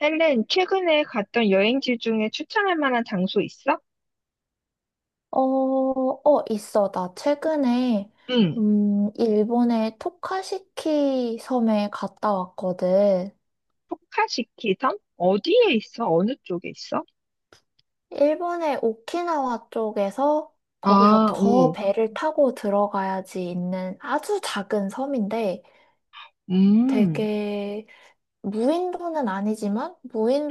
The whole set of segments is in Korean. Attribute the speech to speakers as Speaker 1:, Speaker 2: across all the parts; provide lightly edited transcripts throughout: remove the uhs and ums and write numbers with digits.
Speaker 1: 헬렌, 최근에 갔던 여행지 중에 추천할 만한 장소 있어?
Speaker 2: 어, 있어. 나 최근에,
Speaker 1: 응.
Speaker 2: 일본의 토카시키 섬에 갔다 왔거든.
Speaker 1: 토카시키 섬? 어디에 있어? 어느 쪽에 있어?
Speaker 2: 일본의 오키나와 쪽에서 거기서
Speaker 1: 아,
Speaker 2: 더
Speaker 1: 오.
Speaker 2: 배를 타고 들어가야지 있는 아주 작은 섬인데
Speaker 1: 음.
Speaker 2: 되게 무인도는 아니지만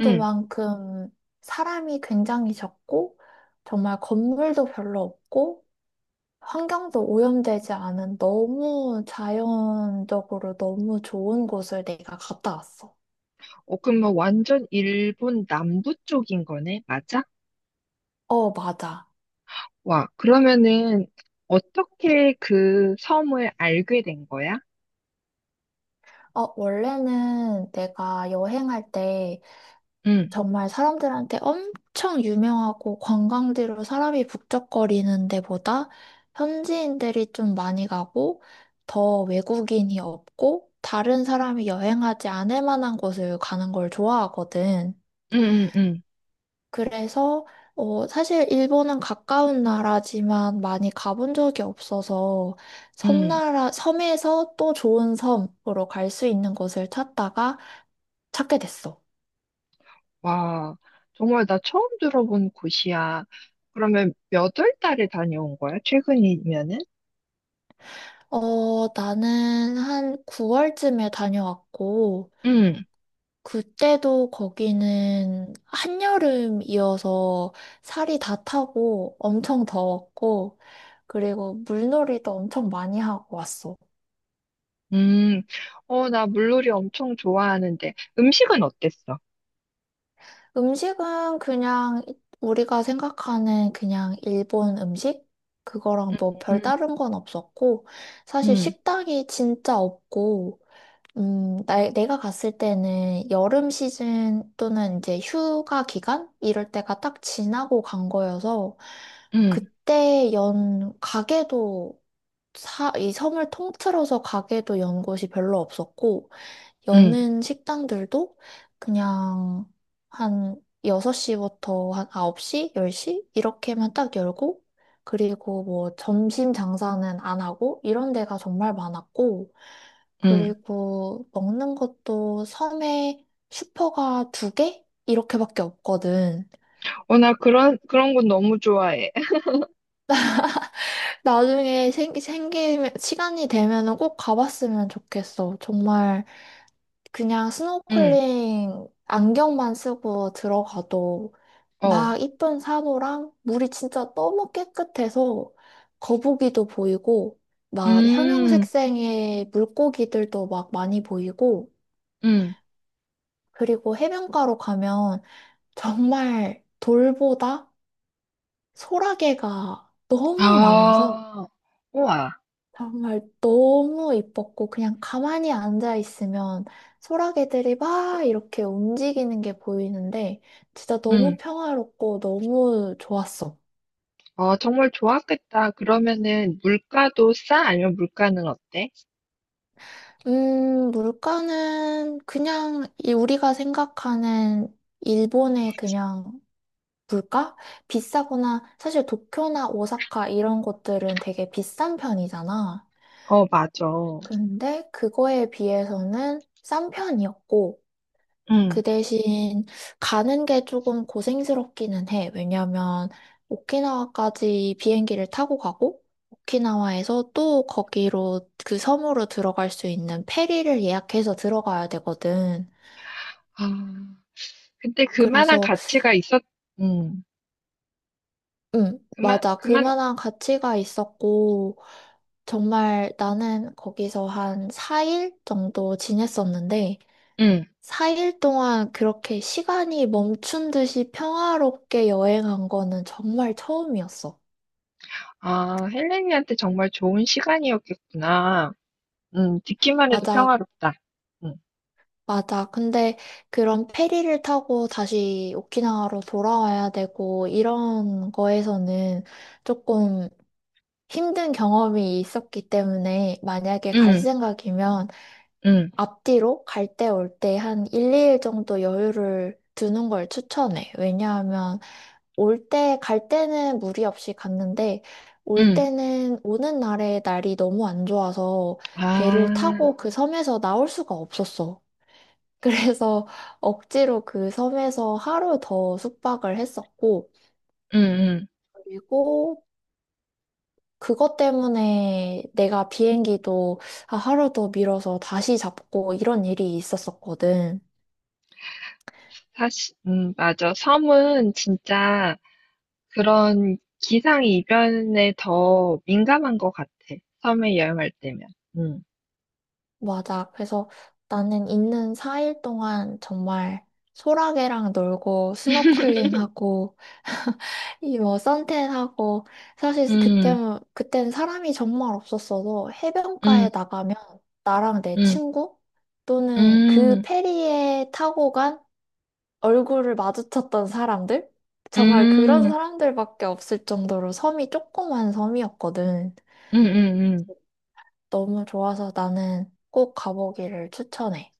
Speaker 1: 응.
Speaker 2: 사람이 굉장히 적고 정말 건물도 별로 없고 환경도 오염되지 않은 너무 자연적으로 너무 좋은 곳을 내가 갔다 왔어.
Speaker 1: 어, 그럼 뭐 완전 일본 남부 쪽인 거네? 맞아?
Speaker 2: 어, 맞아.
Speaker 1: 와, 그러면은 어떻게 그 섬을 알게 된 거야?
Speaker 2: 원래는 내가 여행할 때
Speaker 1: 응.
Speaker 2: 정말 사람들한테 엄청 유명하고 관광지로 사람이 북적거리는 데보다 현지인들이 좀 많이 가고 더 외국인이 없고 다른 사람이 여행하지 않을 만한 곳을 가는 걸 좋아하거든.
Speaker 1: 응, 응, 응.
Speaker 2: 그래서 사실 일본은 가까운 나라지만 많이 가본 적이 없어서
Speaker 1: 응.
Speaker 2: 섬에서 또 좋은 섬으로 갈 수 있는 곳을 찾다가 찾게 됐어.
Speaker 1: 와, 정말 나 처음 들어본 곳이야. 그러면 몇 월 달에 다녀온 거야? 최근이면은?
Speaker 2: 나는 한 9월쯤에 다녀왔고,
Speaker 1: 응.
Speaker 2: 그때도 거기는 한여름이어서 살이 다 타고 엄청 더웠고, 그리고 물놀이도 엄청 많이 하고 왔어.
Speaker 1: 음. 어, 나 물놀이 엄청 좋아하는데 음식은 어땠어?
Speaker 2: 음식은 그냥 우리가 생각하는 그냥 일본 음식? 그거랑 뭐
Speaker 1: 음,
Speaker 2: 별다른 건 없었고, 사실
Speaker 1: 음,
Speaker 2: 식당이 진짜 없고, 내가 갔을 때는 여름 시즌 또는 이제 휴가 기간? 이럴 때가 딱 지나고 간 거여서,
Speaker 1: 음,
Speaker 2: 그때 연 가게도 이 섬을 통틀어서 가게도 연 곳이 별로 없었고,
Speaker 1: 음,
Speaker 2: 여는 식당들도 그냥 한 6시부터 한 9시, 10시 이렇게만 딱 열고 그리고 뭐 점심 장사는 안 하고 이런 데가 정말 많았고
Speaker 1: 음.
Speaker 2: 그리고 먹는 것도 섬에 슈퍼가 두 개? 이렇게밖에 없거든.
Speaker 1: 어, 나 그런 건 너무 좋아해.
Speaker 2: 나중에 생기면, 시간이 되면은 꼭 가봤으면 좋겠어. 정말 그냥
Speaker 1: 음,
Speaker 2: 스노클링 안경만 쓰고 들어가도
Speaker 1: 어,
Speaker 2: 막 이쁜 산호랑 물이 진짜 너무 깨끗해서 거북이도 보이고 막
Speaker 1: 음,
Speaker 2: 형형색색의 물고기들도 막 많이 보이고
Speaker 1: 음.
Speaker 2: 그리고 해변가로 가면 정말 돌보다 소라게가 너무 많아서
Speaker 1: 아, 우와,
Speaker 2: 정말 너무 이뻤고 그냥 가만히 앉아 있으면 소라게들이 막 이렇게 움직이는 게 보이는데 진짜
Speaker 1: 음.
Speaker 2: 너무 평화롭고 너무 좋았어.
Speaker 1: 어, 정말 좋았겠다. 그러면은 물가도 싸? 아니면 물가는 어때?
Speaker 2: 물가는 그냥 이 우리가 생각하는 일본의 그냥 물가? 비싸거나 사실 도쿄나 오사카 이런 곳들은 되게 비싼 편이잖아.
Speaker 1: 어, 맞아.
Speaker 2: 근데 그거에 비해서는 싼 편이었고
Speaker 1: 음.
Speaker 2: 그 대신 가는 게 조금 고생스럽기는 해. 왜냐면 오키나와까지 비행기를 타고 가고 오키나와에서 또 거기로 그 섬으로 들어갈 수 있는 페리를 예약해서 들어가야 되거든.
Speaker 1: 아, 근데 그만한
Speaker 2: 그래서
Speaker 1: 가치가 있었. 음, 그만,
Speaker 2: 맞아.
Speaker 1: 그만.
Speaker 2: 그만한 가치가 있었고 정말 나는 거기서 한 4일 정도 지냈었는데
Speaker 1: 음.
Speaker 2: 4일 동안 그렇게 시간이 멈춘 듯이 평화롭게 여행한 거는 정말 처음이었어.
Speaker 1: 아, 헬렌이한테 정말 좋은 시간이었겠구나. 음. 듣기만 해도
Speaker 2: 맞아,
Speaker 1: 평화롭다. 음.
Speaker 2: 맞아. 근데 그런 페리를 타고 다시 오키나와로 돌아와야 되고 이런 거에서는 조금 힘든 경험이 있었기 때문에 만약에 갈
Speaker 1: 응,
Speaker 2: 생각이면
Speaker 1: 응,
Speaker 2: 앞뒤로 갈 때 올 때 한 1, 2일 정도 여유를 두는 걸 추천해. 왜냐하면 올 때, 갈 때는 무리 없이 갔는데 올
Speaker 1: 응.
Speaker 2: 때는 오는 날에 날이 너무 안 좋아서 배를
Speaker 1: 아.
Speaker 2: 타고 그 섬에서 나올 수가 없었어. 그래서 억지로 그 섬에서 하루 더 숙박을 했었고
Speaker 1: 응, 응.
Speaker 2: 그리고 그것 때문에 내가 비행기도 아, 하루 더 밀어서 다시 잡고 이런 일이 있었었거든.
Speaker 1: 사실 맞아. 섬은 진짜 그런 기상이변에 더 민감한 것 같아. 섬에 여행할 때면. 음.
Speaker 2: 맞아. 그래서 나는 있는 4일 동안 정말 소라게랑 놀고 스노클링하고 이 뭐 선탠하고 사실 그때
Speaker 1: 음,
Speaker 2: 그때는 사람이 정말 없었어도
Speaker 1: 음,
Speaker 2: 해변가에 나가면 나랑 내
Speaker 1: 음,
Speaker 2: 친구 또는 그
Speaker 1: 음,
Speaker 2: 페리에 타고 간 얼굴을 마주쳤던 사람들 정말 그런
Speaker 1: 음,
Speaker 2: 사람들밖에 없을 정도로 섬이 조그만 섬이었거든.
Speaker 1: 음, 음, 음.
Speaker 2: 너무 좋아서 나는 꼭 가보기를 추천해.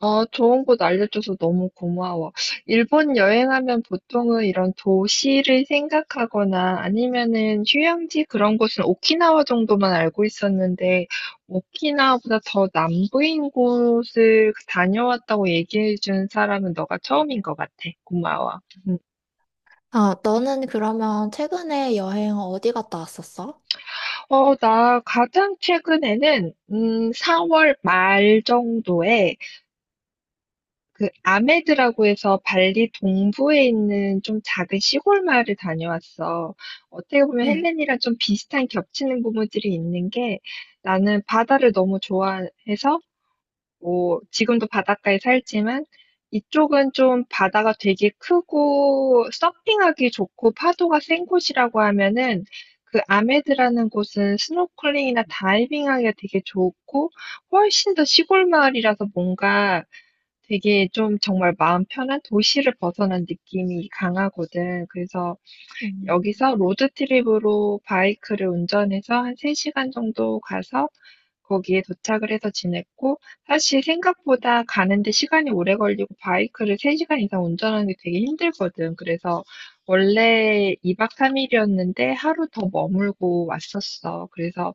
Speaker 1: 아, 좋은 곳 알려줘서 너무 고마워. 일본 여행하면 보통은 이런 도시를 생각하거나 아니면은 휴양지 그런 곳은 오키나와 정도만 알고 있었는데, 오키나와보다 더 남부인 곳을 다녀왔다고 얘기해준 사람은 너가 처음인 것 같아. 고마워. 음.
Speaker 2: 아, 너는 그러면 최근에 여행 어디 갔다 왔었어?
Speaker 1: 어, 나 가장 최근에는, 4월 말 정도에 그 아메드라고 해서 발리 동부에 있는 좀 작은 시골 마을을 다녀왔어. 어떻게 보면
Speaker 2: 응.
Speaker 1: 헬렌이랑 좀 비슷한 겹치는 부분들이 있는 게 나는 바다를 너무 좋아해서 뭐 지금도 바닷가에 살지만 이쪽은 좀 바다가 되게 크고 서핑하기 좋고 파도가 센 곳이라고 하면은 그 아메드라는 곳은 스노클링이나 다이빙하기가 되게 좋고 훨씬 더 시골 마을이라서 뭔가 되게 좀 정말 마음 편한 도시를 벗어난 느낌이 강하거든. 그래서
Speaker 2: 음,
Speaker 1: 여기서 로드트립으로 바이크를 운전해서 한 3시간 정도 가서 거기에 도착을 해서 지냈고, 사실 생각보다 가는데 시간이 오래 걸리고 바이크를 3시간 이상 운전하는 게 되게 힘들거든. 그래서 원래 2박 3일이었는데 하루 더 머물고 왔었어. 그래서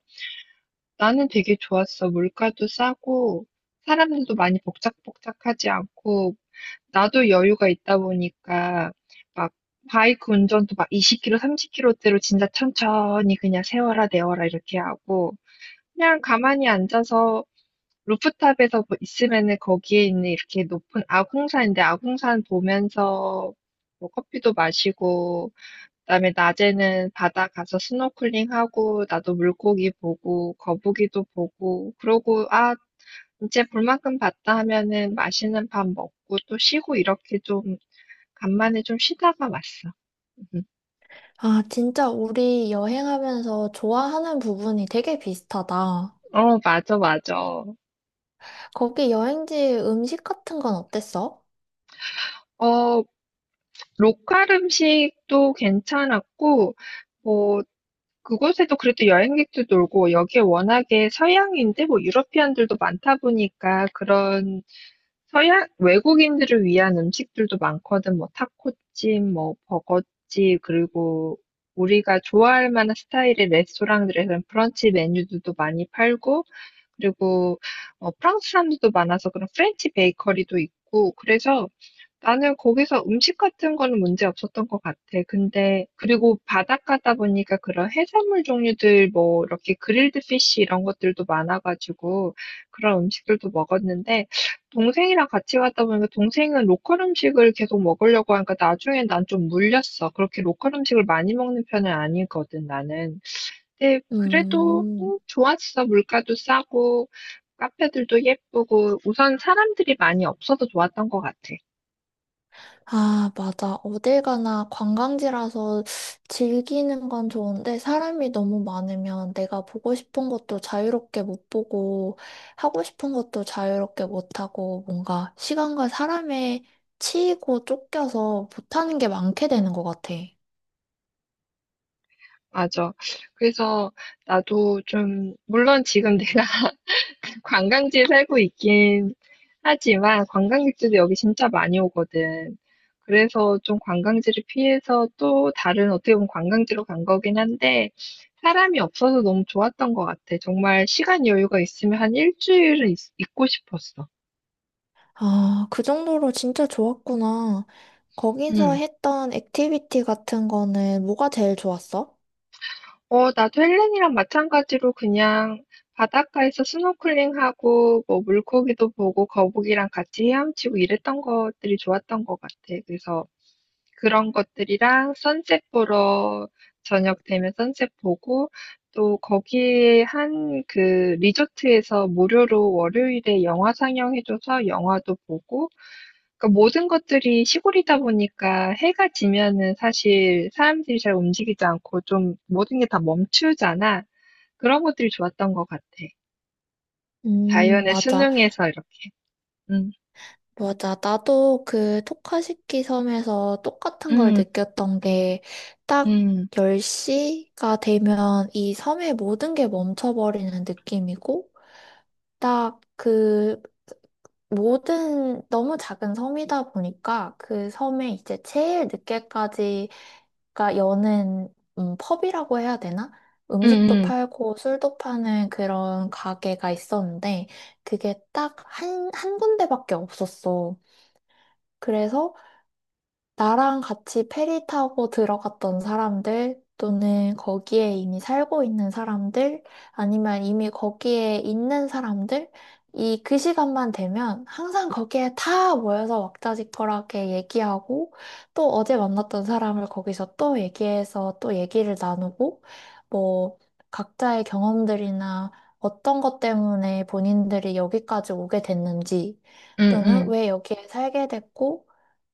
Speaker 1: 나는 되게 좋았어. 물가도 싸고, 사람들도 많이 복작복작하지 않고, 나도 여유가 있다 보니까 막 바이크 운전도 막 20km, 30km대로 진짜 천천히 그냥 세워라 내워라 이렇게 하고 그냥 가만히 앉아서 루프탑에서 뭐 있으면은 거기에 있는 이렇게 높은 아궁산인데 아궁산 보면서 뭐 커피도 마시고 그다음에 낮에는 바다 가서 스노클링하고 나도 물고기 보고 거북이도 보고 그러고 아 이제 볼 만큼 봤다 하면은 맛있는 밥 먹고 또 쉬고 이렇게 좀 간만에 좀 쉬다가 왔어. 음.
Speaker 2: 아, 진짜 우리 여행하면서 좋아하는 부분이 되게 비슷하다.
Speaker 1: 어, 맞아, 맞아.
Speaker 2: 거기 여행지 음식 같은 건 어땠어?
Speaker 1: 어, 로컬 음식도 괜찮았고, 뭐, 그곳에도 그래도 여행객도 놀고, 여기에 워낙에 서양인데, 뭐, 유러피안들도 많다 보니까, 그런 서양, 외국인들을 위한 음식들도 많거든. 뭐, 타코집, 뭐, 버거집, 그리고 우리가 좋아할 만한 스타일의 레스토랑들에서는 브런치 메뉴들도 많이 팔고, 그리고 어, 프랑스 사람들도 많아서 그런 프렌치 베이커리도 있고 그래서 나는 거기서 음식 같은 거는 문제 없었던 것 같아. 근데 그리고 바닷가다 보니까 그런 해산물 종류들 뭐 이렇게 그릴드 피쉬 이런 것들도 많아가지고 그런 음식들도 먹었는데 동생이랑 같이 갔다 보니까 동생은 로컬 음식을 계속 먹으려고 하니까 나중에 난 좀 물렸어. 그렇게 로컬 음식을 많이 먹는 편은 아니거든, 나는. 네, 그래도
Speaker 2: 음.
Speaker 1: 좋았어. 물가도 싸고, 카페들도 예쁘고, 우선 사람들이 많이 없어서 좋았던 것 같아.
Speaker 2: 아, 맞아. 어딜 가나 관광지라서 즐기는 건 좋은데 사람이 너무 많으면 내가 보고 싶은 것도 자유롭게 못 보고 하고 싶은 것도 자유롭게 못 하고 뭔가 시간과 사람에 치이고 쫓겨서 못하는 게 많게 되는 것 같아.
Speaker 1: 맞아. 그래서 나도 좀, 물론 지금 내가 관광지에 살고 있긴 하지만, 관광객들도 여기 진짜 많이 오거든. 그래서 좀 관광지를 피해서 또 다른 어떻게 보면 관광지로 간 거긴 한데, 사람이 없어서 너무 좋았던 것 같아. 정말 시간 여유가 있으면 한 일주일은 있, 있고 싶었어.
Speaker 2: 아, 그 정도로 진짜 좋았구나. 거기서
Speaker 1: 음.
Speaker 2: 했던 액티비티 같은 거는 뭐가 제일 좋았어?
Speaker 1: 어, 나도 헬렌이랑 마찬가지로 그냥 바닷가에서 스노클링하고 뭐 물고기도 보고 거북이랑 같이 헤엄치고 이랬던 것들이 좋았던 것 같아. 그래서 그런 것들이랑 선셋 보러 저녁 되면 선셋 보고 또 거기에 한 그 리조트에서 무료로 월요일에 영화 상영해줘서 영화도 보고 그 모든 것들이 시골이다 보니까 해가 지면은 사실 사람들이 잘 움직이지 않고 좀 모든 게 다 멈추잖아. 그런 것들이 좋았던 것 같아. 자연의
Speaker 2: 맞아.
Speaker 1: 순응해서 이렇게. 응,
Speaker 2: 맞아. 나도 그 토카시키 섬에서 똑같은 걸
Speaker 1: 응,
Speaker 2: 느꼈던 게 딱
Speaker 1: 응,
Speaker 2: 10시가 되면 이 섬의 모든 게 멈춰버리는 느낌이고 딱 그 모든 너무 작은 섬이다 보니까 그 섬에 이제 제일 늦게까지 가 여는 펍이라고 해야 되나?
Speaker 1: 응,
Speaker 2: 음식도
Speaker 1: 응,
Speaker 2: 팔고 술도 파는 그런 가게가 있었는데 그게 딱 한 군데밖에 없었어. 그래서 나랑 같이 페리 타고 들어갔던 사람들, 또는 거기에 이미 살고 있는 사람들, 아니면 이미 거기에 있는 사람들, 이 그 시간만 되면 항상 거기에 다 모여서 왁자지껄하게 얘기하고, 또 어제 만났던 사람을 거기서 또 얘기해서 또 얘기를 나누고, 뭐, 각자의 경험들이나 어떤 것 때문에 본인들이 여기까지 오게 됐는지,
Speaker 1: 응,
Speaker 2: 또는
Speaker 1: 응.
Speaker 2: 왜 여기에 살게 됐고,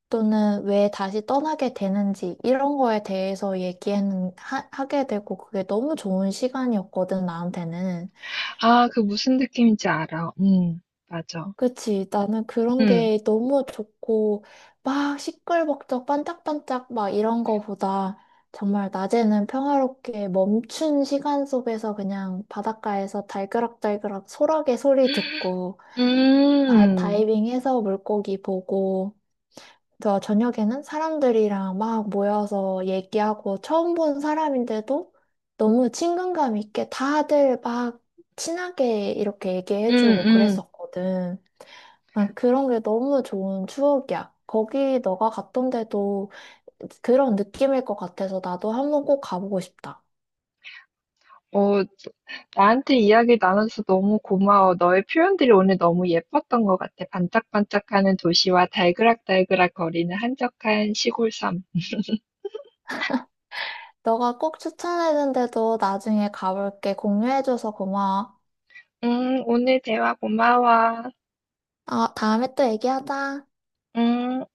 Speaker 2: 또는 왜 다시 떠나게 되는지 이런 거에 대해서 얘기하는 게 되고 그게 너무 좋은 시간이었거든 나한테는.
Speaker 1: 아, 그 무슨 느낌인지 알아. 응, 맞아.
Speaker 2: 그치 나는 그런
Speaker 1: 응,
Speaker 2: 게 너무 좋고 막 시끌벅적 반짝반짝 막 이런 거보다 정말 낮에는 평화롭게 멈춘 시간 속에서 그냥 바닷가에서 달그락달그락 소라게 소리 듣고
Speaker 1: 음,
Speaker 2: 다이빙해서 물고기 보고 저녁에는 사람들이랑 막 모여서 얘기하고 처음 본 사람인데도 너무 친근감 있게 다들 막 친하게 이렇게
Speaker 1: 음,
Speaker 2: 얘기해주고
Speaker 1: 음.
Speaker 2: 그랬었거든. 난 그런 게 너무 좋은 추억이야. 거기 너가 갔던 데도 그런 느낌일 것 같아서 나도 한번 꼭 가보고 싶다.
Speaker 1: 어, 나한테 이야기 나눠서 너무 고마워. 너의 표현들이 오늘 너무 예뻤던 것 같아. 반짝반짝하는 도시와 달그락달그락 거리는 한적한 시골 섬.
Speaker 2: 너가 꼭 추천해준 데도 나중에 가볼게. 공유해줘서 고마워.
Speaker 1: 오늘 대화 고마워.
Speaker 2: 아, 다음에 또 얘기하자.
Speaker 1: 음.